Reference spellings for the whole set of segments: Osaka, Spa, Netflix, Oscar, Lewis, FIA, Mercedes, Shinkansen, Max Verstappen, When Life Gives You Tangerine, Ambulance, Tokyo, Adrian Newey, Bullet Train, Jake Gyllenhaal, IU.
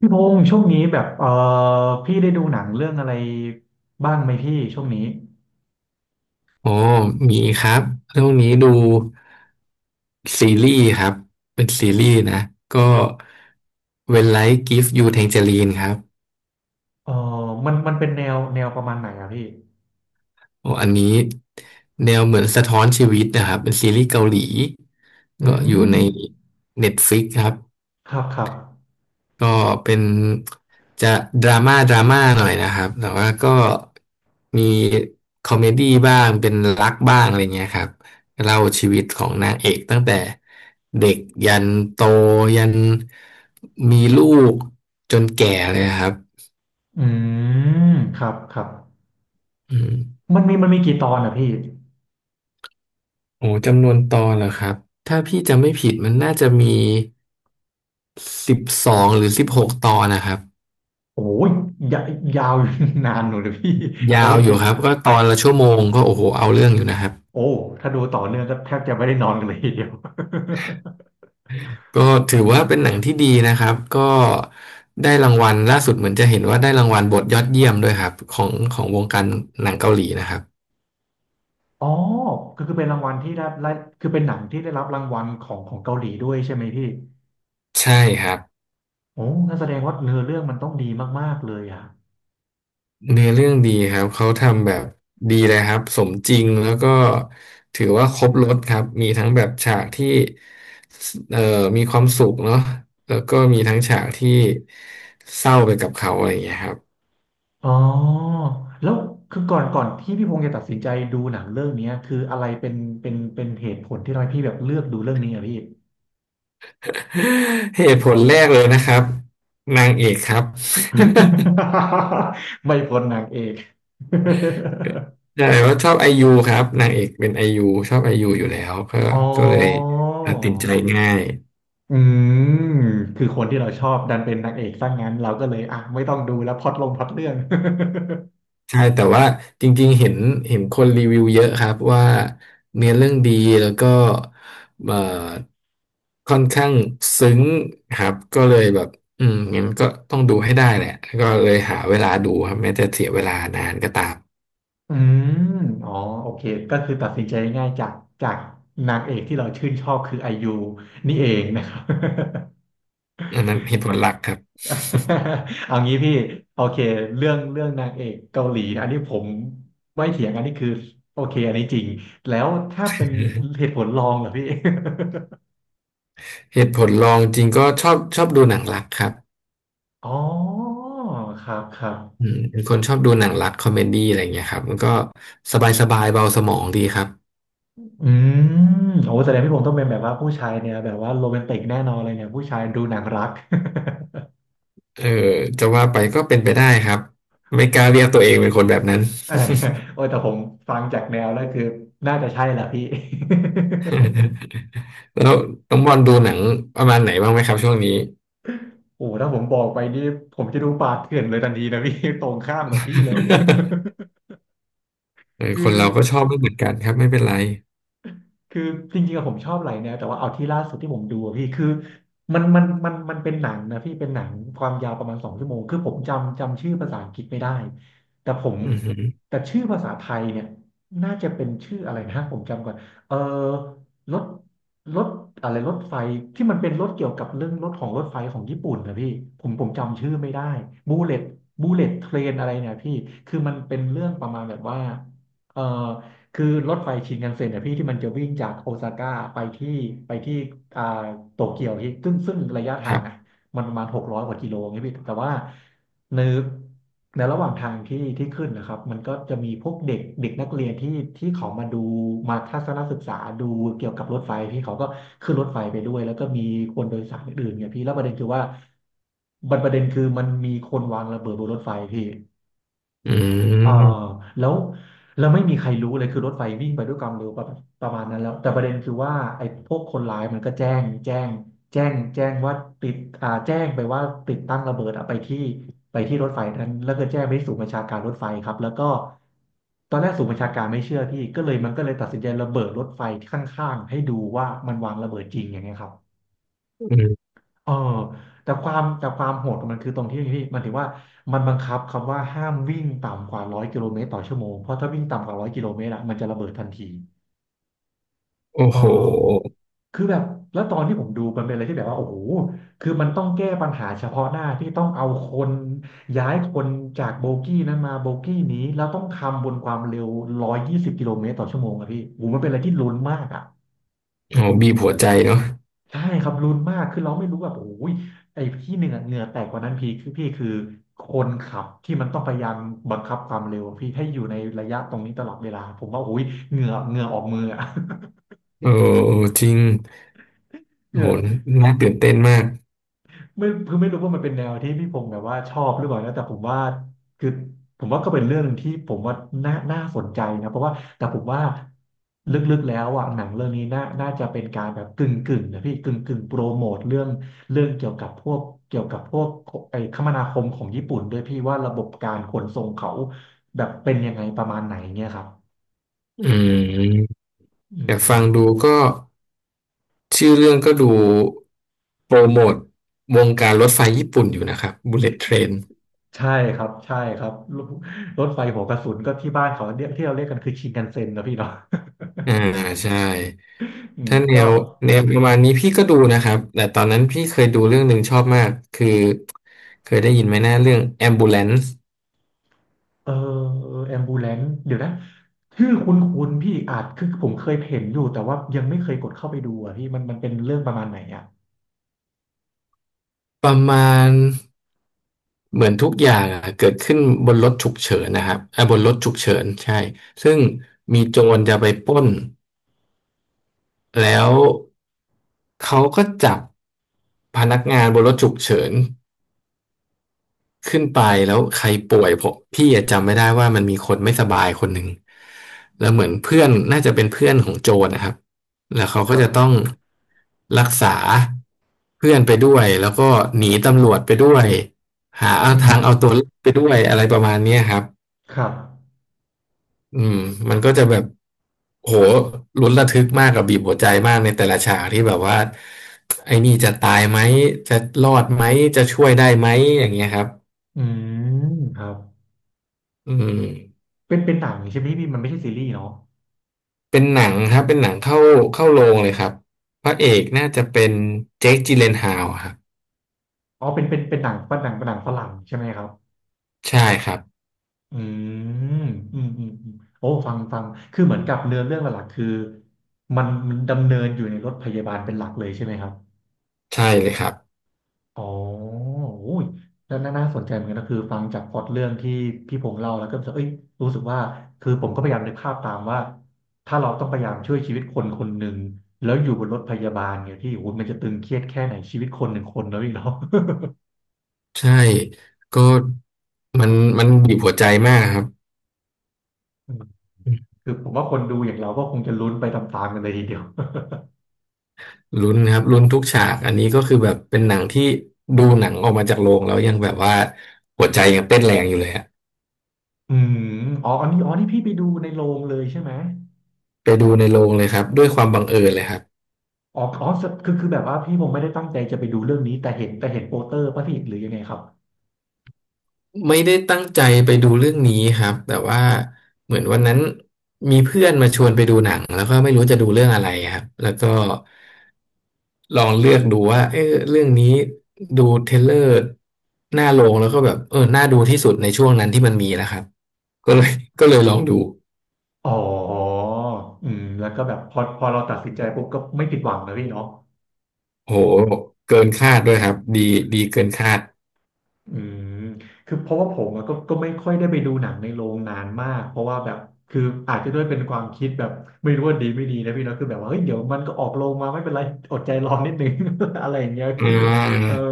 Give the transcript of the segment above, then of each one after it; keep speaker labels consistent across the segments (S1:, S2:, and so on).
S1: พี่พงษ์ช่วงนี้แบบพี่ได้ดูหนังเรื่องอะไรบ้างไหมพี่ช่วงนี้
S2: อ๋อมีครับเรื่องนี้ดูซีรีส์ครับเป็นซีรีส์นะก็ When Life Gives You Tangerine ครับ
S1: เออมันเป็นแนวประมาณไหนอะพี่
S2: โอ้อันนี้แนวเหมือนสะท้อนชีวิตนะครับเป็นซีรีส์เกาหลี
S1: อื
S2: ก็อยู่
S1: ม
S2: ใน Netflix ครับ
S1: ครับครับ
S2: ก็เป็นจะดราม่าหน่อยนะครับแต่ว่าก็มีคอมเมดี้บ้างเป็นรักบ้างอะไรเงี้ยครับเล่าชีวิตของนางเอกตั้งแต่เด็กยันโตยันมีลูกจนแก่เลยครับ
S1: อืมครับครับ
S2: อืม
S1: มันมีกี่ตอนอะพี่
S2: โอ้จำนวนตอนเหรอครับถ้าพี่จำไม่ผิดมันน่าจะมี12หรือ16ตอนนะครับ
S1: โอ้ยยายาว นานหนูเลยพี่ โอ้
S2: ยาวอ
S1: ดู
S2: ยู่ครับก็ตอนละชั่วโมงก็โอ้โหเอาเรื่องอยู่นะครับ
S1: โอ้ถ้าดูต่อเนื่องก็แทบจะไม่ได้นอนกันเลยทีเดียว
S2: ก็ถือ
S1: อื
S2: ว่า
S1: ม
S2: เป็นหนังที่ดีนะครับก็ได้รางวัลล่าสุดเหมือนจะเห็นว่าได้รางวัลบทยอดเยี่ยมด้วยครับของวงการหนังเกาหลีนะครับ
S1: อ๋อก็คือเป็นรางวัลที่ได้คือเป็นหนังที่ได้รับรางวัลของเกาหลีด้วยใช่ไหมพี่
S2: ใช่ครับ
S1: โอ้งั้นแสดงว่าเนื้อเรื่องมันต้องดีมากๆเลยอ่ะ
S2: เนื้อเรื่องดีครับเขาทำแบบดีเลยครับสมจริงแล้วก็ถือว่าครบรสครับมีทั้งแบบฉากที่สมีความสุขเนาะแล้วก็มีทั้งฉากที่เศร้าไปกับเขาอะไรอย่างเงี้ยครับ
S1: อ๋อแล้วคือก่อนที่พี่พงศ์จะตัดสินใจดูหนังเรื่องเนี้ยคืออะไรเป็นเหตุผลที่ทำให้พี่แบบเลือกดูเรื่องนี้อ่ะพี่
S2: เหตุผลแรกเลยนะครับนางเอกครับ
S1: ไม่พ้นนางเอก
S2: ใช่ว่าชอบไอยูครับนางเอกเป็นไอยูชอบไอยูอยู่แล้วก็
S1: อ๋อ
S2: ก็เลยตัดสินใจง่าย
S1: อืมคือคนที่เราชอบดันเป็นนางเอกซะงั้นเราก็เลยอ่ะไม่ต้องดูแล้วพล็อตลงพล็อตเรื่อง
S2: ใช่แต่ว่าจริงๆเห็นคนรีวิวเยอะครับว่าเนื้อเรื่องดีแล้วก็เอ่อค่อนข้างซึ้งครับก็เลยแบบอืมงั้นก็ต้องดูให้ได้แหละก็เลยหาเวลาดูครับแม้จะเสียเวลานานก็ตาม
S1: อืมอ๋อโอเค ก็คือตัดสินใจง่ายจากจากนางเอกที่เราชื่นชอบคือไอยูนี่เองนะครับ
S2: อันนั้นเหตุผลหลักครับ
S1: เอางี้พี่โอเคเรื่องนางเอกเกาหลีนะอันนี้ผมไม่เถียงอันนี้คือโอเคอันนี้จริงแล้วถ้าเป็นเหตุผลรองเหรอพี่
S2: เหตุผลรองจริงก็ชอบดูหนังรักครับ
S1: อ๋อครับครั
S2: อื
S1: บ
S2: มเป็นคนชอบดูหนังรักคอมเมดี้อะไรเงี้ยครับมันก็สบายเบาสมองดีครับ
S1: อืมโอ้แสดงพี่ผมต้องเป็นแบบว่าผู้ชายเนี่ยแบบว่าโรแมนติกแน่นอนเลยเนี่ยผู้ชายดูหนังรัก
S2: เออจะว่าไปก็เป็นไปได้ครับไม่กล้าเรียกตัวเองเป็นคนแบบนั้น
S1: เออ โอ้ยแต่ผมฟังจากแนวแล้วคือน่าจะใช่แหละพี่
S2: แล้วน้องบอลดูหนังประมาณไหนบ้างไหมครับช่วงนี้
S1: โอ้ถ้าผมบอกไปนี่ผมจะดูป่าเถื่อนเลยทันทีนะพี่ ตรงข้ามกับพี่เลย
S2: เออ
S1: คื
S2: ค
S1: อ
S2: นเราก็ชอบไม่เหมือนกันครับไม่เป็นไร
S1: คือจริงๆอะผมชอบหลายแนวแต่ว่าเอาที่ล่าสุดที่ผมดูอะพี่คือมันเป็นหนังนะพี่เป็นหนังความยาวประมาณ2 ชั่วโมงคือผมจำชื่อภาษาอังกฤษไม่ได้แต่ผม
S2: อือหือ
S1: แต่ชื่อภาษาไทยเนี่ยน่าจะเป็นชื่ออะไรนะผมจำก่อนเออรถรถอะไรรถไฟที่มันเป็นรถเกี่ยวกับเรื่องรถของรถไฟของญี่ปุ่นนะพี่ผมจำชื่อไม่ได้บูเลตบูเลตเทรนอะไรเนี่ยพี่คือมันเป็นเรื่องประมาณแบบว่าเออ คือรถไฟชินคันเซ็นเนี่ยพี่ที่มันจะวิ่งจากโอซาก้าไปที่ไปที่อ่าโตเกียวที่ซึ่งระยะ
S2: ค
S1: ทา
S2: รั
S1: งอ่ะ
S2: บ
S1: มันประมาณ600กว่ากิโลเงี้ยพี่แต่ว่าในในระหว่างทางที่ที่ขึ้นนะครับมันก็จะมีพวกเด็กเด็กนักเรียนที่ที่เขามาดูมาทัศนศึกษาดูเกี่ยวกับรถไฟพี่เขาก็ขึ้นรถไฟไปด้วยแล้วก็มีคนโดยสารอื่นๆเนี่ยพี่แล้วประเด็นคือว่าประเด็นคือมันมีคนวางระเบิดบนรถไฟพี่
S2: อื
S1: อ่า
S2: ม
S1: แล้วไม่มีใครรู้เลยคือรถไฟวิ่งไปด้วยความเร็วประมาณนั้นแล้วแต่ประเด็นคือว่าไอ้พวกคนร้ายมันก็แจ้งว่าติดแจ้งไปว่าติดตั้งระเบิดอะไปที่ไปที่รถไฟนั้นแล้วก็แจ้งไปที่ศูนย์บัญชาการรถไฟครับแล้วก็ตอนแรกศูนย์บัญชาการไม่เชื่อพี่ก็เลยตัดสินใจระเบิดรถไฟข้างๆให้ดูว่ามันวางระเบิดจริงอย่างเงี้ยครับ
S2: อืม
S1: เออแต่ความโหดของมันคือตรงที่ที่มันถือว่ามันบังคับคำว่าห้ามวิ่งต่ำกว่า100 กิโลเมตรต่อชั่วโมงเพราะถ้าวิ่งต่ำกว่าร้อยกิโลเมตรอะมันจะระเบิดทันที
S2: โอ้
S1: เออ
S2: โห
S1: คือแบบแล้วตอนที่ผมดูมันเป็นอะไรที่แบบว่าโอ้โหคือมันต้องแก้ปัญหาเฉพาะหน้าที่ต้องเอาคนย้ายคนจากโบกี้นั้นมาโบกี้นี้แล้วต้องทำบนความเร็ว120 กิโลเมตรต่อชั่วโมงอะพี่โอ้โหมันเป็นอะไรที่ลุ้นมากอะ
S2: โอ้โหบีบหัวใจเนาะ
S1: ใช่ครับลุ้นมากคือเราไม่รู้แบบโอ้ยไอ้ที่เหนื่อยเหงื่อแตกกว่านั้นพี่คือคนขับที่มันต้องพยายามบังคับความเร็วอะพี่ให้อยู่ในระยะตรงนี้ตลอดเวลาผมว่าโอ้ยเหงื่อออกมืออะ
S2: โอ้จริง
S1: เห
S2: โอ้
S1: งื่
S2: โห
S1: อ
S2: น่าตื่นเต้นมาก
S1: ไม่คือไม่รู้ว่ามันเป็นแนวที่พี่พงศ์แบบว่าชอบหรือเปล่านะแต่ผมว่าคือผมว่าก็เป็นเรื่องหนึ่งที่ผมว่าน่าสนใจนะเพราะว่าแต่ผมว่าลึกๆแล้วอ่ะหนังเรื่องนี้น่าจะเป็นการแบบกึ่งนะพี่กึ่งโปรโมทเรื่องเกี่ยวกับพวกเกี่ยวกับพวกไอ้คมนาคมของญี่ปุ่นด้วยพี่ว่าระบบการขนส่งเขาแบบเป็นยังไงประมาณไหนเนี่ยครับ
S2: อืม
S1: อื
S2: อยากฟัง
S1: ม
S2: ดูก็ ชื่อเรื่องก็ดูโปรโมทวงการรถไฟญี่ปุ่นอยู่นะครับ Bullet Train
S1: ใช่ครับใช่ครับรถไฟหัวกระสุนก็ที่บ้านเขาเนี่ยที่เราเรียกกันคือชินคันเซ็นนะพี่เนาะ
S2: อ่าใช่
S1: อืม
S2: ถ้าแน
S1: ก็
S2: วแนวประมาณนี้พี่ก็ดูนะครับแต่ตอนนั้นพี่เคยดูเรื่องหนึ่งชอบมากคือเคยได้ยินไหมนะเรื่อง Ambulance
S1: เออแอมบูเลนเดี๋ยวนะชื่อคุ้นคุ้นพี่อาจคือผมเคยเห็นอยู่แต่ว่ายังไม่เคยกดเข้าไปดูอ่ะพี่มันเป็นเรื่องประมาณไหนอ่ะ
S2: ประมาณเหมือนทุกอย่างอะเกิดขึ้นบนรถฉุกเฉินนะครับอ่าบนรถฉุกเฉินใช่ซึ่งมีโจรจะไปปล้นแล้วเขาก็จับพนักงานบนรถฉุกเฉิน ขึ้นไปแล้วใครป่วยผมพี่อะจำไม่ได้ว่ามันมีคนไม่สบายคนหนึ่งแล้วเหมือนเพื่อนน่าจะเป็นเพื่อนของโจรนะครับแล้วเขา
S1: ค
S2: ก็
S1: รับ
S2: จะต้องรักษาเพื่อนไปด้วยแล้วก็หนีตำรวจไปด้วยหา
S1: อื
S2: ทางเอาตัวรอ
S1: ม
S2: ดไปด้วยอะไรประมาณเนี้ยครับ
S1: ครับ
S2: อืมมันก็จะแบบโหลุ้นระทึกมากกับบีบหัวใจมากในแต่ละฉากที่แบบว่าไอ้นี่จะตายไหมจะรอดไหมจะช่วยได้ไหมอย่างเงี้ยครับ
S1: อืมครับ
S2: อืม
S1: เป็นเป็นหนังใช่ไหมพี่มันไม่ใช่ซีรีส์เนาะ
S2: เป็นหนังครับเป็นหนังเข้าโรงเลยครับพระเอกน่าจะเป็นเจคจิเลนฮาวครับ
S1: อ๋อเป็นหนังเป็นหนังฝรั่งใช่ไหมครับ
S2: ใช่ครับ
S1: อืมอืมอืมอืมโอ้ฟังคือเหมือนกับเนื้อเรื่องหลักๆคือมันดำเนินอยู่ในรถพยาบาลเป็นหลักเลยใช่ไหมครับ
S2: ใช่เลยครับ
S1: อ๋อโอ้ยแล้วน่าสนใจเหมือนกันนะคือฟังจากพล็อตเรื่องที่พี่พงษ์เล่าแล้วก็รู้สึกเอ้ยรู้สึกว่าคือผมก็พยายามนึกภาพตามว่าถ้าเราต้องพยายามช่วยชีวิตคนคนหนึ่งแล้วอยู่บนรถพยาบาลเนี่ยที่โอ้โหมันจะตึงเครียดแค่ไหนชีวิตคนหนึ่งคนแล้วอีกเนาะ
S2: ใช่ก็มันมันบีบหัวใจมากครับ
S1: คือผมว่าคนดูอย่างเราก็คงจะลุ้นไปตามๆกันเลยทีเดียว
S2: ลุ้นครับลุ้นทุกฉากอันนี้ก็คือแบบเป็นหนังที่ดูหนังออกมาจากโรงแล้วยังแบบว่าหัวใจยังเต้นแรงอยู่เลยฮะ
S1: อืมอ๋ออันนี้อ๋อนี่พี่ไปดูในโรงเลยใช่ไหม
S2: ไปดูในโรงเลยครับด้วยความบังเอิญเลยครับ
S1: อ๋ออ๋อคือแบบว่าพี่ผมไม่ได้ตั้งใจจะไปดูเรื่องนี้แต่เห็นโปสเตอร์ป่ะพี่หรือยังไงครับ
S2: ไม่ได้ตั้งใจไปดูเรื่องนี้ครับแต่ว่าเหมือนวันนั้นมีเพื่อนมาชวนไปดูหนังแล้วก็ไม่รู้จะดูเรื่องอะไรครับแล้วก็ลองเลือกดูว่าเออเรื่องนี้ดูเทรลเลอร์หน้าโรงแล้วก็แบบเออน่าดูที่สุดในช่วงนั้นที่มันมีนะครับก็เลย ก็เลยลองดู
S1: อ๋ออืมแล้วก็แบบพอเราตัดสินใจปุ๊บก็ไม่ผิดหวังนะพี่เนาะ
S2: โหเกินคาดด้วยครับดีเกินคาด
S1: อืมคือเพราะว่าผมอะก็ไม่ค่อยได้ไปดูหนังในโรงนานมากเพราะว่าแบบคืออาจจะด้วยเป็นความคิดแบบไม่รู้ว่าดีไม่ดีนะพี่เนาะคือแบบว่าเฮ้ยเดี๋ยวมันก็ออกโรงมาไม่เป็นไรอดใจรอนิดนึง อะไรอย่างเงี้ย
S2: อื
S1: พี่เออ
S2: ม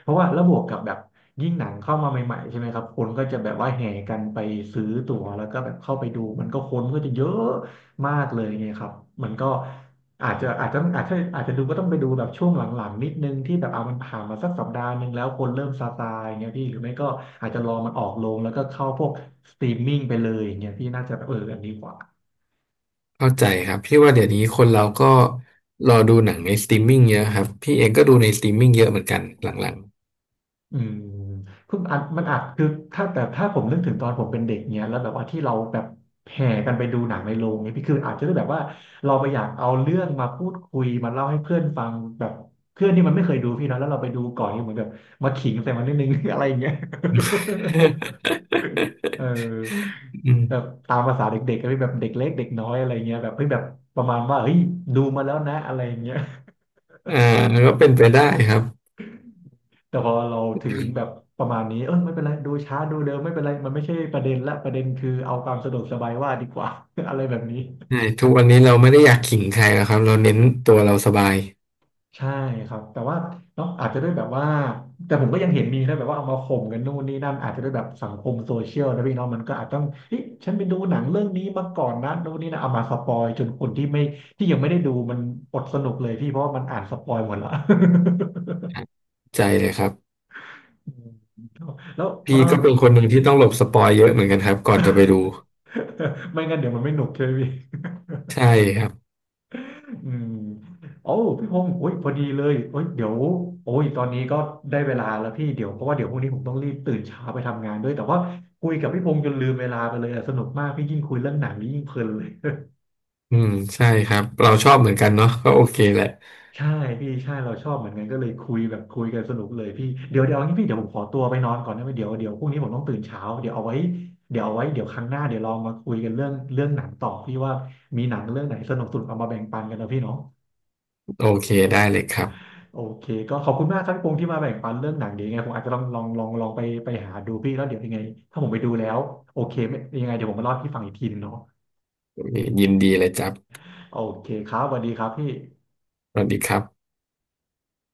S1: เพราะว่าแล้วบวกกับแบบยิ่งหนังเข้ามาใหม่ๆใช่ไหมครับคนก็จะแบบว่าแห่กันไปซื้อตั๋วแล้วก็แบบเข้าไปดูมันก็คนก็จะเยอะมากเลยไงครับมันก็ อาจจะอาจจะอาจจะอาจจะดูก็ต้องไปดูแบบช่วงหลังๆนิดนึงที่แบบเอามันผ่านมาสักสัปดาห์หนึ่งแล้วคนเริ่มซาอย่างเงี้ยพี่หรือไม่ก็อาจจะรอมันออกลงแล้วก็เข้าพวกสตรีมมิ่งไปเลยอย่างเงี้ยพี่น่าจะเอออันนี้กว่า
S2: เข้าใจครับพี่ว่าเดี๋ยวนี้คนเราก็รอดูหนังในสตรีมมิ่งเยอะครับพี่เองก็ดูในสตรีมมิ่งเยอะเหมือนกันหลัง
S1: อืมคืออัดมันอัดคือถ้าแต่ถ้าผมนึกถึงตอนผมเป็นเด็กเนี้ยแล้วแบบว่าที่เราแบบแห่กันไปดูหนังในโรงเนี่ยพี่คืออาจจะได้แบบว่าเราไปอยากเอาเรื่องมาพูดคุยมาเล่าให้เพื่อนฟังแบบเพื่อนที่มันไม่เคยดูพี่เนาะแล้วเราไปดูก่อนเนี่ยเหมือนแบบมาขิงใส่มันนิดนึง อะไรอย่างเงี้ย เออ
S2: ๆ อื
S1: แบบ
S2: ม
S1: ตามภาษาเด็กๆก็เป็นแบบเด็กเล็กเด็กน้อยอะไรเงี้ยแบบเฮ้ยแบบประมาณว่าเฮ้ยดูมาแล้วนะอะไรเงี้ย
S2: อ่าก็เป็นไปได้ครับ
S1: แต่พอเราถึงแบบประมาณนี้เออไม่เป็นไรดูช้าดูเร็วไม่เป็นไรมันไม่ใช่ประเด็นละประเด็นคือเอาความสะดวกสบายว่าดีกว่า อะไรแบบนี้
S2: ใช่ทุกวันนี้เราไม่ได้อยากขิงใครแล้วครับเราเน้นตัวเราสบาย
S1: ใช่ครับแต่ว่าเนาะอาจจะด้วยแบบว่าแต่ผมก็ยังเห็นมีนะแบบว่าเอามาข่มกันนู่นนี่นั่นอาจจะด้วยแบบสังคมโซเชียลนะพี่เนอะมันก็อาจต้องเฮ้ยฉันไปดูหนังเรื่องนี้มาก่อนนะนู่นนี่นะเอามาสปอยจนคนที่ไม่ที่ยังไม่ได้ดูมันอดสนุกเลยพี่เพราะว่ามันอ่านสปอยหมดละ
S2: ครับใจเลยครับ
S1: แล้วเออ
S2: พี่ก็เป็นคนหนึ่งที่ต้องหลบสปอยเยอะเหมือนกันครับก่อนจะไปดู
S1: ไม่งั้นเดี๋ยวมันไม่หนุกใช่ไหมพี่
S2: ใช่ครับ
S1: อืมโอ้พี่พงศ์โอ้ยพอดีเลยโอ้ยเดี๋ยวโอ้ยตอนนี้ก็ได้เวลาแล้วพี่เดี๋ยวเพราะว่าเดี๋ยวพรุ่งนี้ผมต้องรีบตื่นเช้าไปทำงานด้วยแต่ว่าคุยกับพี่พงศ์จนลืมเวลาไปเลยอะสนุกมากพี่ยิ่งคุยเรื่องหนังนี่ยิ่งเพลินเลย
S2: อืมใช่ครับเราชอบเหมือนกันเนาะก็โอเคแหละ
S1: ใช่พี่ใช่เราชอบเหมือนกันก็เลยคุยแบบคุยกันสนุกเลยพี่เดี๋ยวเอางี้พี่เดี๋ยวผมขอตัวไปนอนก่อนนะเดี๋ยวพรุ่งนี้ผมต้องตื่นเช้าเดี๋ยวเอาไว้เดี๋ยวเอาไว้เดี๋ยวครั้งหน้าเดี๋ยวเรามาคุยกันเรื่องเรื่องหนังต่อพี่ว่ามีหนังเรื่องไหนสนุกเอามาแบ่งปันกันนะพี่เนาะ
S2: โอเคได้เลยครับ
S1: โอเคก็ขอบคุณมากครับพี่พงษ์ที่มาแบ่งปันเรื่องหนังเดี๋ยวยังไงผมอาจจะลองไปหาดูพี่แล้วเดี๋ยวยังไงถ้าผมไปดูแล้วโอเคไม่ยังไงเดี๋ยวผมมาเล่าให้พี่ฟังอีกทีนึงเนาะ
S2: โอเคยินดีเลยจับ
S1: โอเคครับสวัสดีครับพี่
S2: สวัสดีครับ